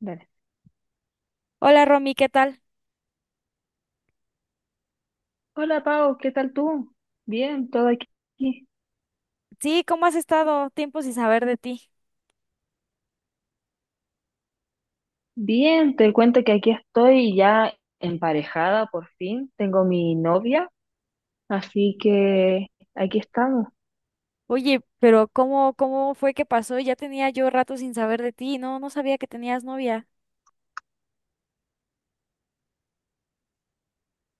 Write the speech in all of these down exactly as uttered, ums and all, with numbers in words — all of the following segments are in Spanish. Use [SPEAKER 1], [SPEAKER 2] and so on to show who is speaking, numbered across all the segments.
[SPEAKER 1] Dale.
[SPEAKER 2] Hola Romy, ¿qué tal?
[SPEAKER 1] Hola Pau, ¿qué tal tú? Bien, todo aquí.
[SPEAKER 2] Sí, ¿cómo has estado? Tiempo sin saber de ti.
[SPEAKER 1] Bien, te cuento que aquí estoy ya emparejada por fin. Tengo mi novia, así que aquí estamos.
[SPEAKER 2] Oye, pero ¿cómo, cómo fue que pasó? Ya tenía yo rato sin saber de ti. No, no sabía que tenías novia.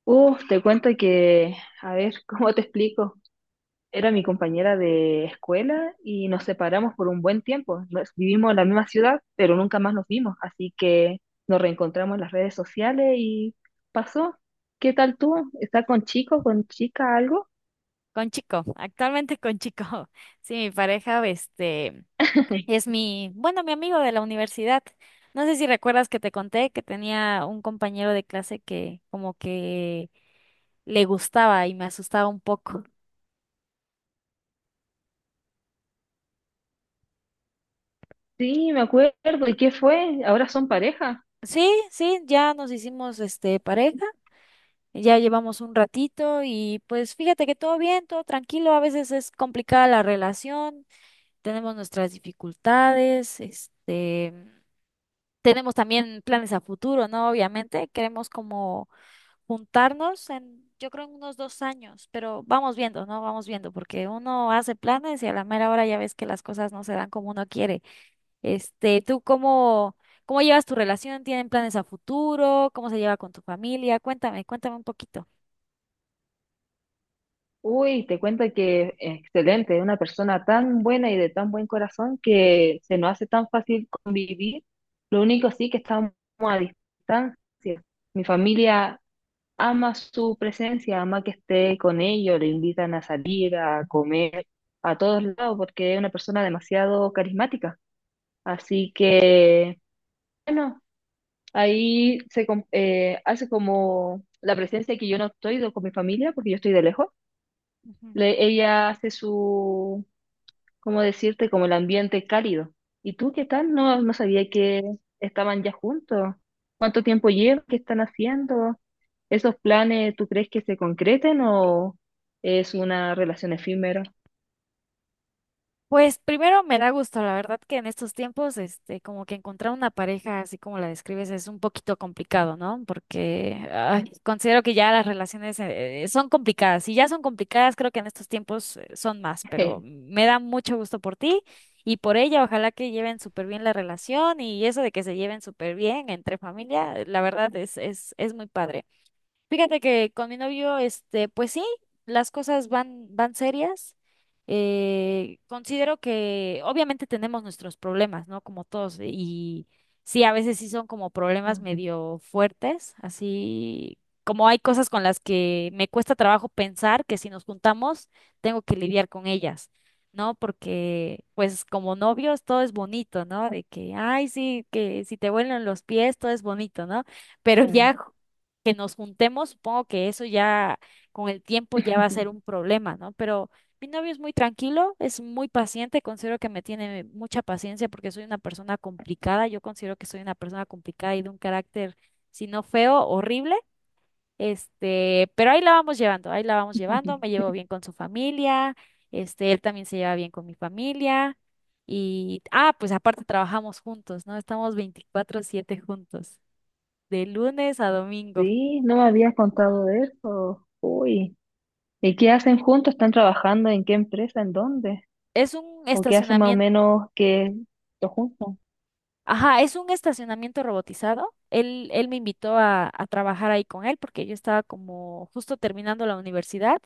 [SPEAKER 1] Uf, te cuento que, a ver, ¿cómo te explico? Era mi compañera de escuela y nos separamos por un buen tiempo. Nos- vivimos en la misma ciudad, pero nunca más nos vimos, así que nos reencontramos en las redes sociales y pasó. ¿Qué tal tú? ¿Estás con chico, con chica, algo?
[SPEAKER 2] Con chico, actualmente con chico. Sí, mi pareja, este, es mi, bueno, mi amigo de la universidad. No sé si recuerdas que te conté que tenía un compañero de clase que como que le gustaba y me asustaba un poco.
[SPEAKER 1] Sí, me acuerdo. ¿Y qué fue? ¿Ahora son pareja?
[SPEAKER 2] Sí, sí, ya nos hicimos este pareja. Ya llevamos un ratito y pues fíjate que todo bien, todo tranquilo. A veces es complicada la relación, tenemos nuestras dificultades, este, tenemos también planes a futuro, ¿no? Obviamente queremos como juntarnos en, yo creo, en unos dos años, pero vamos viendo, ¿no? Vamos viendo, porque uno hace planes y a la mera hora ya ves que las cosas no se dan como uno quiere. Este, ¿tú cómo, cómo llevas tu relación? ¿Tienen planes a futuro? ¿Cómo se lleva con tu familia? Cuéntame, cuéntame un poquito.
[SPEAKER 1] Uy, te cuento que excelente, una persona tan buena y de tan buen corazón que se nos hace tan fácil convivir. Lo único sí que estamos a distancia. Mi familia ama su presencia, ama que esté con ellos, le invitan a salir, a comer, a todos lados, porque es una persona demasiado carismática. Así que, bueno. Ahí se com- eh, hace como la presencia que yo no estoy do- con mi familia, porque yo estoy de lejos. Le- ella hace su, ¿cómo decirte? Como el ambiente cálido. ¿Y tú qué tal? No, no sabía que estaban ya juntos. ¿Cuánto tiempo llevan? ¿Qué están haciendo? ¿Esos planes tú crees que se concreten o es una relación efímera?
[SPEAKER 2] Pues primero me da gusto, la verdad que en estos tiempos, este, como que encontrar una pareja así como la describes es un poquito complicado, ¿no? Porque ay, considero que ya las relaciones eh, son complicadas. Si ya son complicadas, creo que en estos tiempos eh, son más, pero me da mucho gusto por ti y por ella. Ojalá que lleven súper bien la relación y eso de que se lleven súper bien entre familia, la verdad es, es, es muy padre. Fíjate que con mi novio, este, pues sí, las cosas van, van serias. Eh, considero que obviamente tenemos nuestros problemas, ¿no? Como todos, y sí, a veces sí son como problemas
[SPEAKER 1] Ah,
[SPEAKER 2] medio fuertes, así como hay cosas con las que me cuesta trabajo pensar que si nos juntamos tengo que lidiar con ellas, ¿no? Porque pues como novios todo es bonito, ¿no? De que, ay, sí, que si te vuelan los pies todo es bonito, ¿no? Pero
[SPEAKER 1] ah.
[SPEAKER 2] ya que nos juntemos, supongo que eso ya con el tiempo ya va a ser un problema, ¿no? Pero mi novio es muy tranquilo, es muy paciente, considero que me tiene mucha paciencia porque soy una persona complicada, yo considero que soy una persona complicada y de un carácter, si no feo, horrible, este, pero ahí la vamos llevando, ahí la vamos llevando, me llevo bien con su familia, este, él también se lleva bien con mi familia. Y, ah, pues aparte trabajamos juntos, ¿no? Estamos veinticuatro siete juntos, de lunes a domingo.
[SPEAKER 1] Sí, no me habías contado de eso. Uy. ¿Y qué hacen juntos? ¿Están trabajando en qué empresa? ¿En dónde?
[SPEAKER 2] Es un
[SPEAKER 1] ¿O qué hacen más o
[SPEAKER 2] estacionamiento,
[SPEAKER 1] menos que lo juntos?
[SPEAKER 2] ajá, es un estacionamiento robotizado. Él, él me invitó a, a trabajar ahí con él porque yo estaba como justo terminando la universidad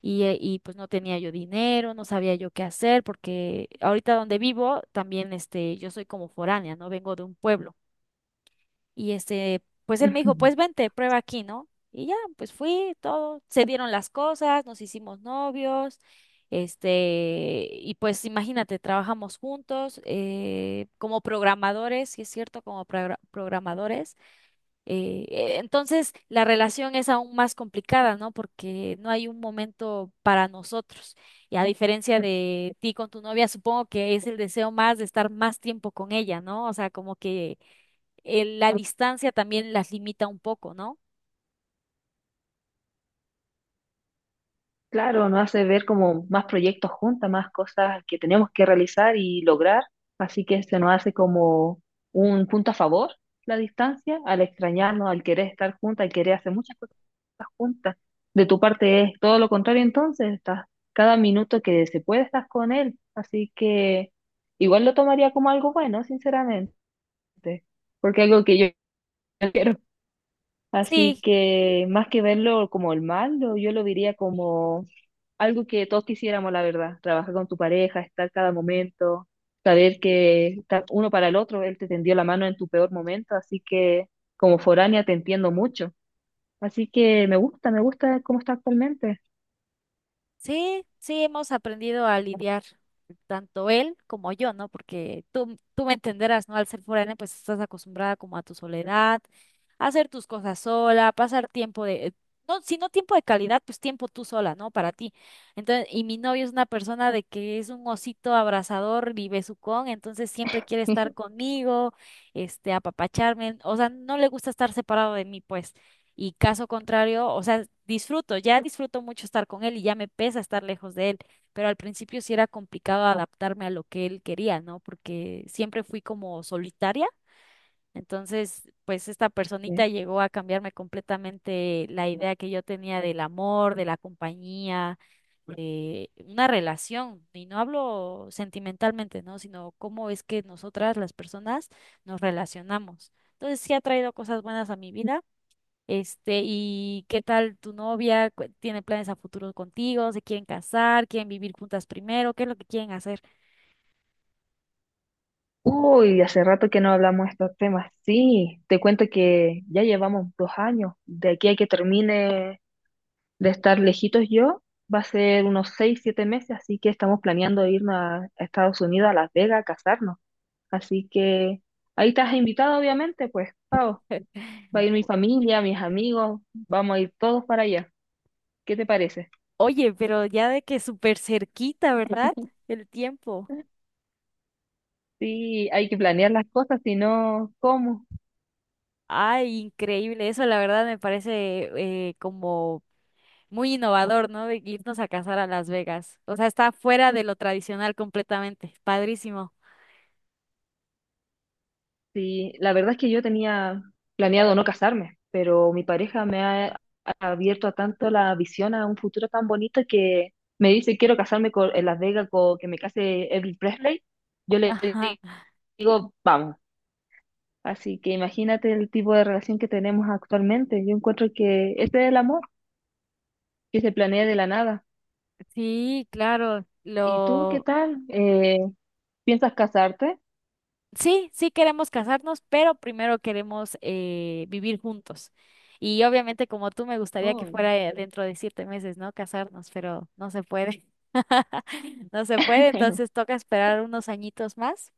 [SPEAKER 2] y, eh, y pues no tenía yo dinero, no sabía yo qué hacer porque ahorita donde vivo también este, yo soy como foránea, no vengo de un pueblo. Y este, pues él me dijo,
[SPEAKER 1] Ujú.
[SPEAKER 2] pues vente, prueba aquí, ¿no? Y ya, pues fui, todo, se dieron las cosas, nos hicimos novios, este, y pues imagínate, trabajamos juntos eh, como programadores, sí es cierto, como progra- programadores. Eh, eh, entonces, la relación es aún más complicada, ¿no? Porque no hay un momento para nosotros. Y a diferencia de ti con tu novia, supongo que es el deseo más de estar más tiempo con ella, ¿no? O sea, como que eh, la distancia también las limita un poco, ¿no?
[SPEAKER 1] Claro, nos hace ver como más proyectos juntas, más cosas que tenemos que realizar y lograr. Así que se nos hace como un punto a favor la distancia, al extrañarnos, al querer estar juntas, al querer hacer muchas cosas juntas. De tu parte es todo lo contrario, entonces estás cada minuto que se puede estás con él. Así que igual lo tomaría como algo bueno, sinceramente. Este, porque algo que yo no quiero. Así
[SPEAKER 2] Sí,
[SPEAKER 1] que más que verlo como el mal, lo- yo lo diría como algo que todos quisiéramos, la verdad. Trabajar con tu pareja, estar cada momento, saber que está uno para el otro, él te tendió la mano en tu peor momento, así que como foránea te entiendo mucho. Así que me gusta, me gusta cómo está actualmente.
[SPEAKER 2] Sí, sí, hemos aprendido a lidiar, tanto él como yo, ¿no? Porque tú, tú me entenderás, ¿no? Al ser foránea, pues estás acostumbrada como a tu soledad, a hacer tus cosas sola, pasar tiempo de, no, si no tiempo de calidad, pues tiempo tú sola, ¿no? Para ti. Entonces, y mi novio es una persona de que es un osito abrazador y besucón, entonces siempre quiere estar conmigo, este, apapacharme, o sea, no le gusta estar separado de mí, pues. Y caso contrario, o sea, disfruto, ya disfruto mucho estar con él y ya me pesa estar lejos de él, pero al principio sí era complicado adaptarme a lo que él quería, ¿no? Porque siempre fui como solitaria, entonces pues esta
[SPEAKER 1] Yeah.
[SPEAKER 2] personita llegó a cambiarme completamente la idea que yo tenía del amor, de la compañía, de una relación, y no hablo sentimentalmente, ¿no? Sino cómo es que nosotras las personas nos relacionamos. Entonces sí ha traído cosas buenas a mi vida, este, ¿y qué tal tu novia? Cu- ¿Tiene planes a futuro contigo? ¿Se quieren casar? ¿Quieren vivir juntas primero? ¿Qué es lo que quieren hacer?
[SPEAKER 1] Uy, hace rato que no hablamos de estos temas. Sí, te cuento que ya llevamos dos años. De aquí a que termine de estar lejitos yo, va a ser unos seis, siete meses, así que estamos planeando irnos a a Estados Unidos, a Las Vegas, a casarnos. Así que ahí estás invitado, obviamente, pues, Pao. Va a ir mi familia, mis amigos, vamos a ir todos para allá. ¿Qué te parece?
[SPEAKER 2] Oye, pero ya de que súper cerquita, ¿verdad? El tiempo.
[SPEAKER 1] Sí, hay que planear las cosas, si no, ¿cómo?
[SPEAKER 2] Ay, increíble. Eso la verdad me parece, eh, como muy innovador, ¿no? De irnos a casar a Las Vegas. O sea, está fuera de lo tradicional completamente. Padrísimo.
[SPEAKER 1] Sí, la verdad es que yo tenía planeado no casarme, pero mi pareja me ha abierto a tanto la visión a un futuro tan bonito que me dice quiero casarme con, en Las Vegas con que me case Elvis Presley. Yo le
[SPEAKER 2] Ajá.
[SPEAKER 1] digo, vamos. Así que imagínate el tipo de relación que tenemos actualmente. Yo encuentro que este es el amor que se planea de la nada.
[SPEAKER 2] Sí, claro.
[SPEAKER 1] ¿Y tú qué
[SPEAKER 2] Lo
[SPEAKER 1] tal? Eh, ¿piensas casarte?
[SPEAKER 2] sí, sí queremos casarnos, pero primero queremos eh, vivir juntos. Y obviamente como tú me gustaría que
[SPEAKER 1] Oh,
[SPEAKER 2] fuera, eh, dentro de siete meses, ¿no? Casarnos, pero no se puede. No se puede, entonces toca esperar unos añitos más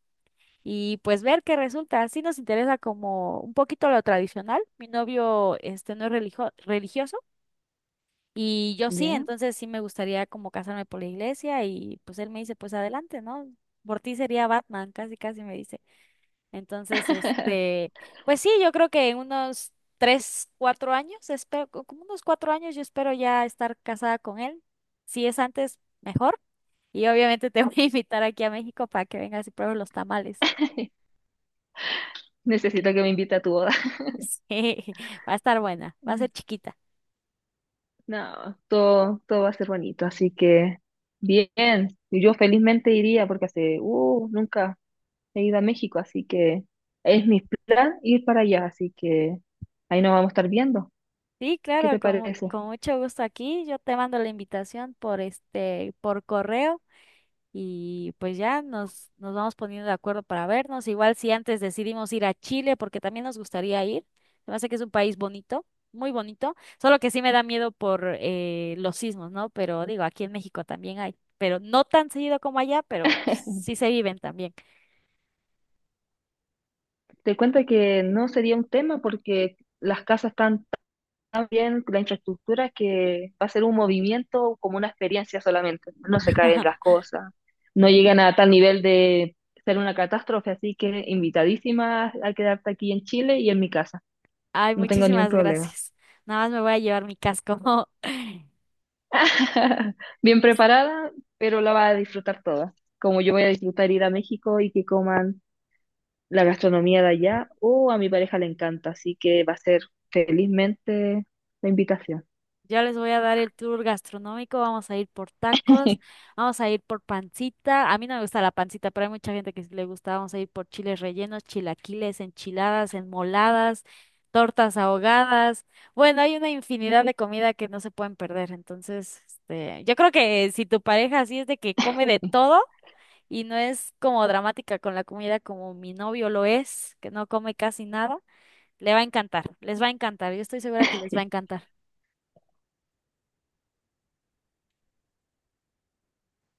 [SPEAKER 2] y pues ver qué resulta. Sí nos interesa como un poquito lo tradicional. Mi novio este no es religio- religioso y yo sí,
[SPEAKER 1] ya.
[SPEAKER 2] entonces sí me gustaría como casarme por la iglesia y pues él me dice, pues adelante, ¿no? Por ti sería Batman, casi casi me dice. Entonces, este, pues sí, yo creo que en unos tres, cuatro años, espero, co- como unos cuatro años, yo espero ya estar casada con él. Si es antes, mejor. Y obviamente te voy a invitar aquí a México para que vengas y pruebes los tamales.
[SPEAKER 1] Necesito que me invite a tu boda.
[SPEAKER 2] Sí, va a estar buena, va a ser chiquita.
[SPEAKER 1] No, todo, todo va a ser bonito, así que bien. Y yo felizmente iría porque hace, uh, nunca he ido a México, así que es mi plan ir para allá, así que ahí nos vamos a estar viendo.
[SPEAKER 2] Sí,
[SPEAKER 1] ¿Qué
[SPEAKER 2] claro,
[SPEAKER 1] te
[SPEAKER 2] con, mu-
[SPEAKER 1] parece?
[SPEAKER 2] con mucho gusto aquí. Yo te mando la invitación por este, por correo. Y pues ya nos, nos vamos poniendo de acuerdo para vernos. Igual si antes decidimos ir a Chile, porque también nos gustaría ir. Se me hace que es un país bonito, muy bonito. Solo que sí me da miedo por, eh, los sismos, ¿no? Pero digo, aquí en México también hay. Pero no tan seguido como allá, pero sí se viven también.
[SPEAKER 1] Te cuento que no sería un tema porque las casas están bien la infraestructura que va a ser un movimiento como una experiencia solamente. No se caen las cosas, no llegan a tal nivel de ser una catástrofe, así que invitadísima a quedarte aquí en Chile y en mi casa.
[SPEAKER 2] Ay,
[SPEAKER 1] No tengo ningún
[SPEAKER 2] muchísimas
[SPEAKER 1] problema.
[SPEAKER 2] gracias. Nada más me voy a llevar mi casco.
[SPEAKER 1] Bien preparada, pero la vas a disfrutar toda. Como yo voy a disfrutar ir a México y que coman la gastronomía de allá, o a mi pareja le encanta, así que va a ser felizmente la invitación.
[SPEAKER 2] Yo les voy a dar el tour gastronómico. Vamos a ir por tacos, vamos a ir por pancita. A mí no me gusta la pancita, pero hay mucha gente que sí le gusta. Vamos a ir por chiles rellenos, chilaquiles, enchiladas, enmoladas, tortas ahogadas. Bueno, hay una infinidad de comida que no se pueden perder. Entonces, este, yo creo que si tu pareja así es de que come de todo y no es como dramática con la comida como mi novio lo es, que no come casi nada, le va a encantar, les va a encantar. Yo estoy segura que les va a encantar.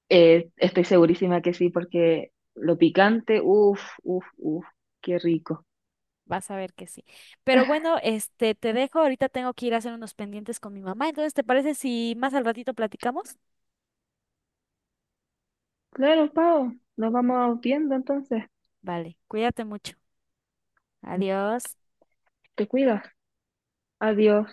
[SPEAKER 1] Eh, estoy segurísima que sí, porque lo picante, uff, uff, uff, qué rico.
[SPEAKER 2] Vas a ver que sí. Pero bueno, este, te dejo. Ahorita tengo que ir a hacer unos pendientes con mi mamá. Entonces, ¿te parece si más al ratito platicamos?
[SPEAKER 1] Claro, Pau, nos vamos viendo entonces.
[SPEAKER 2] Vale, cuídate mucho. Adiós.
[SPEAKER 1] Te cuidas. Adiós.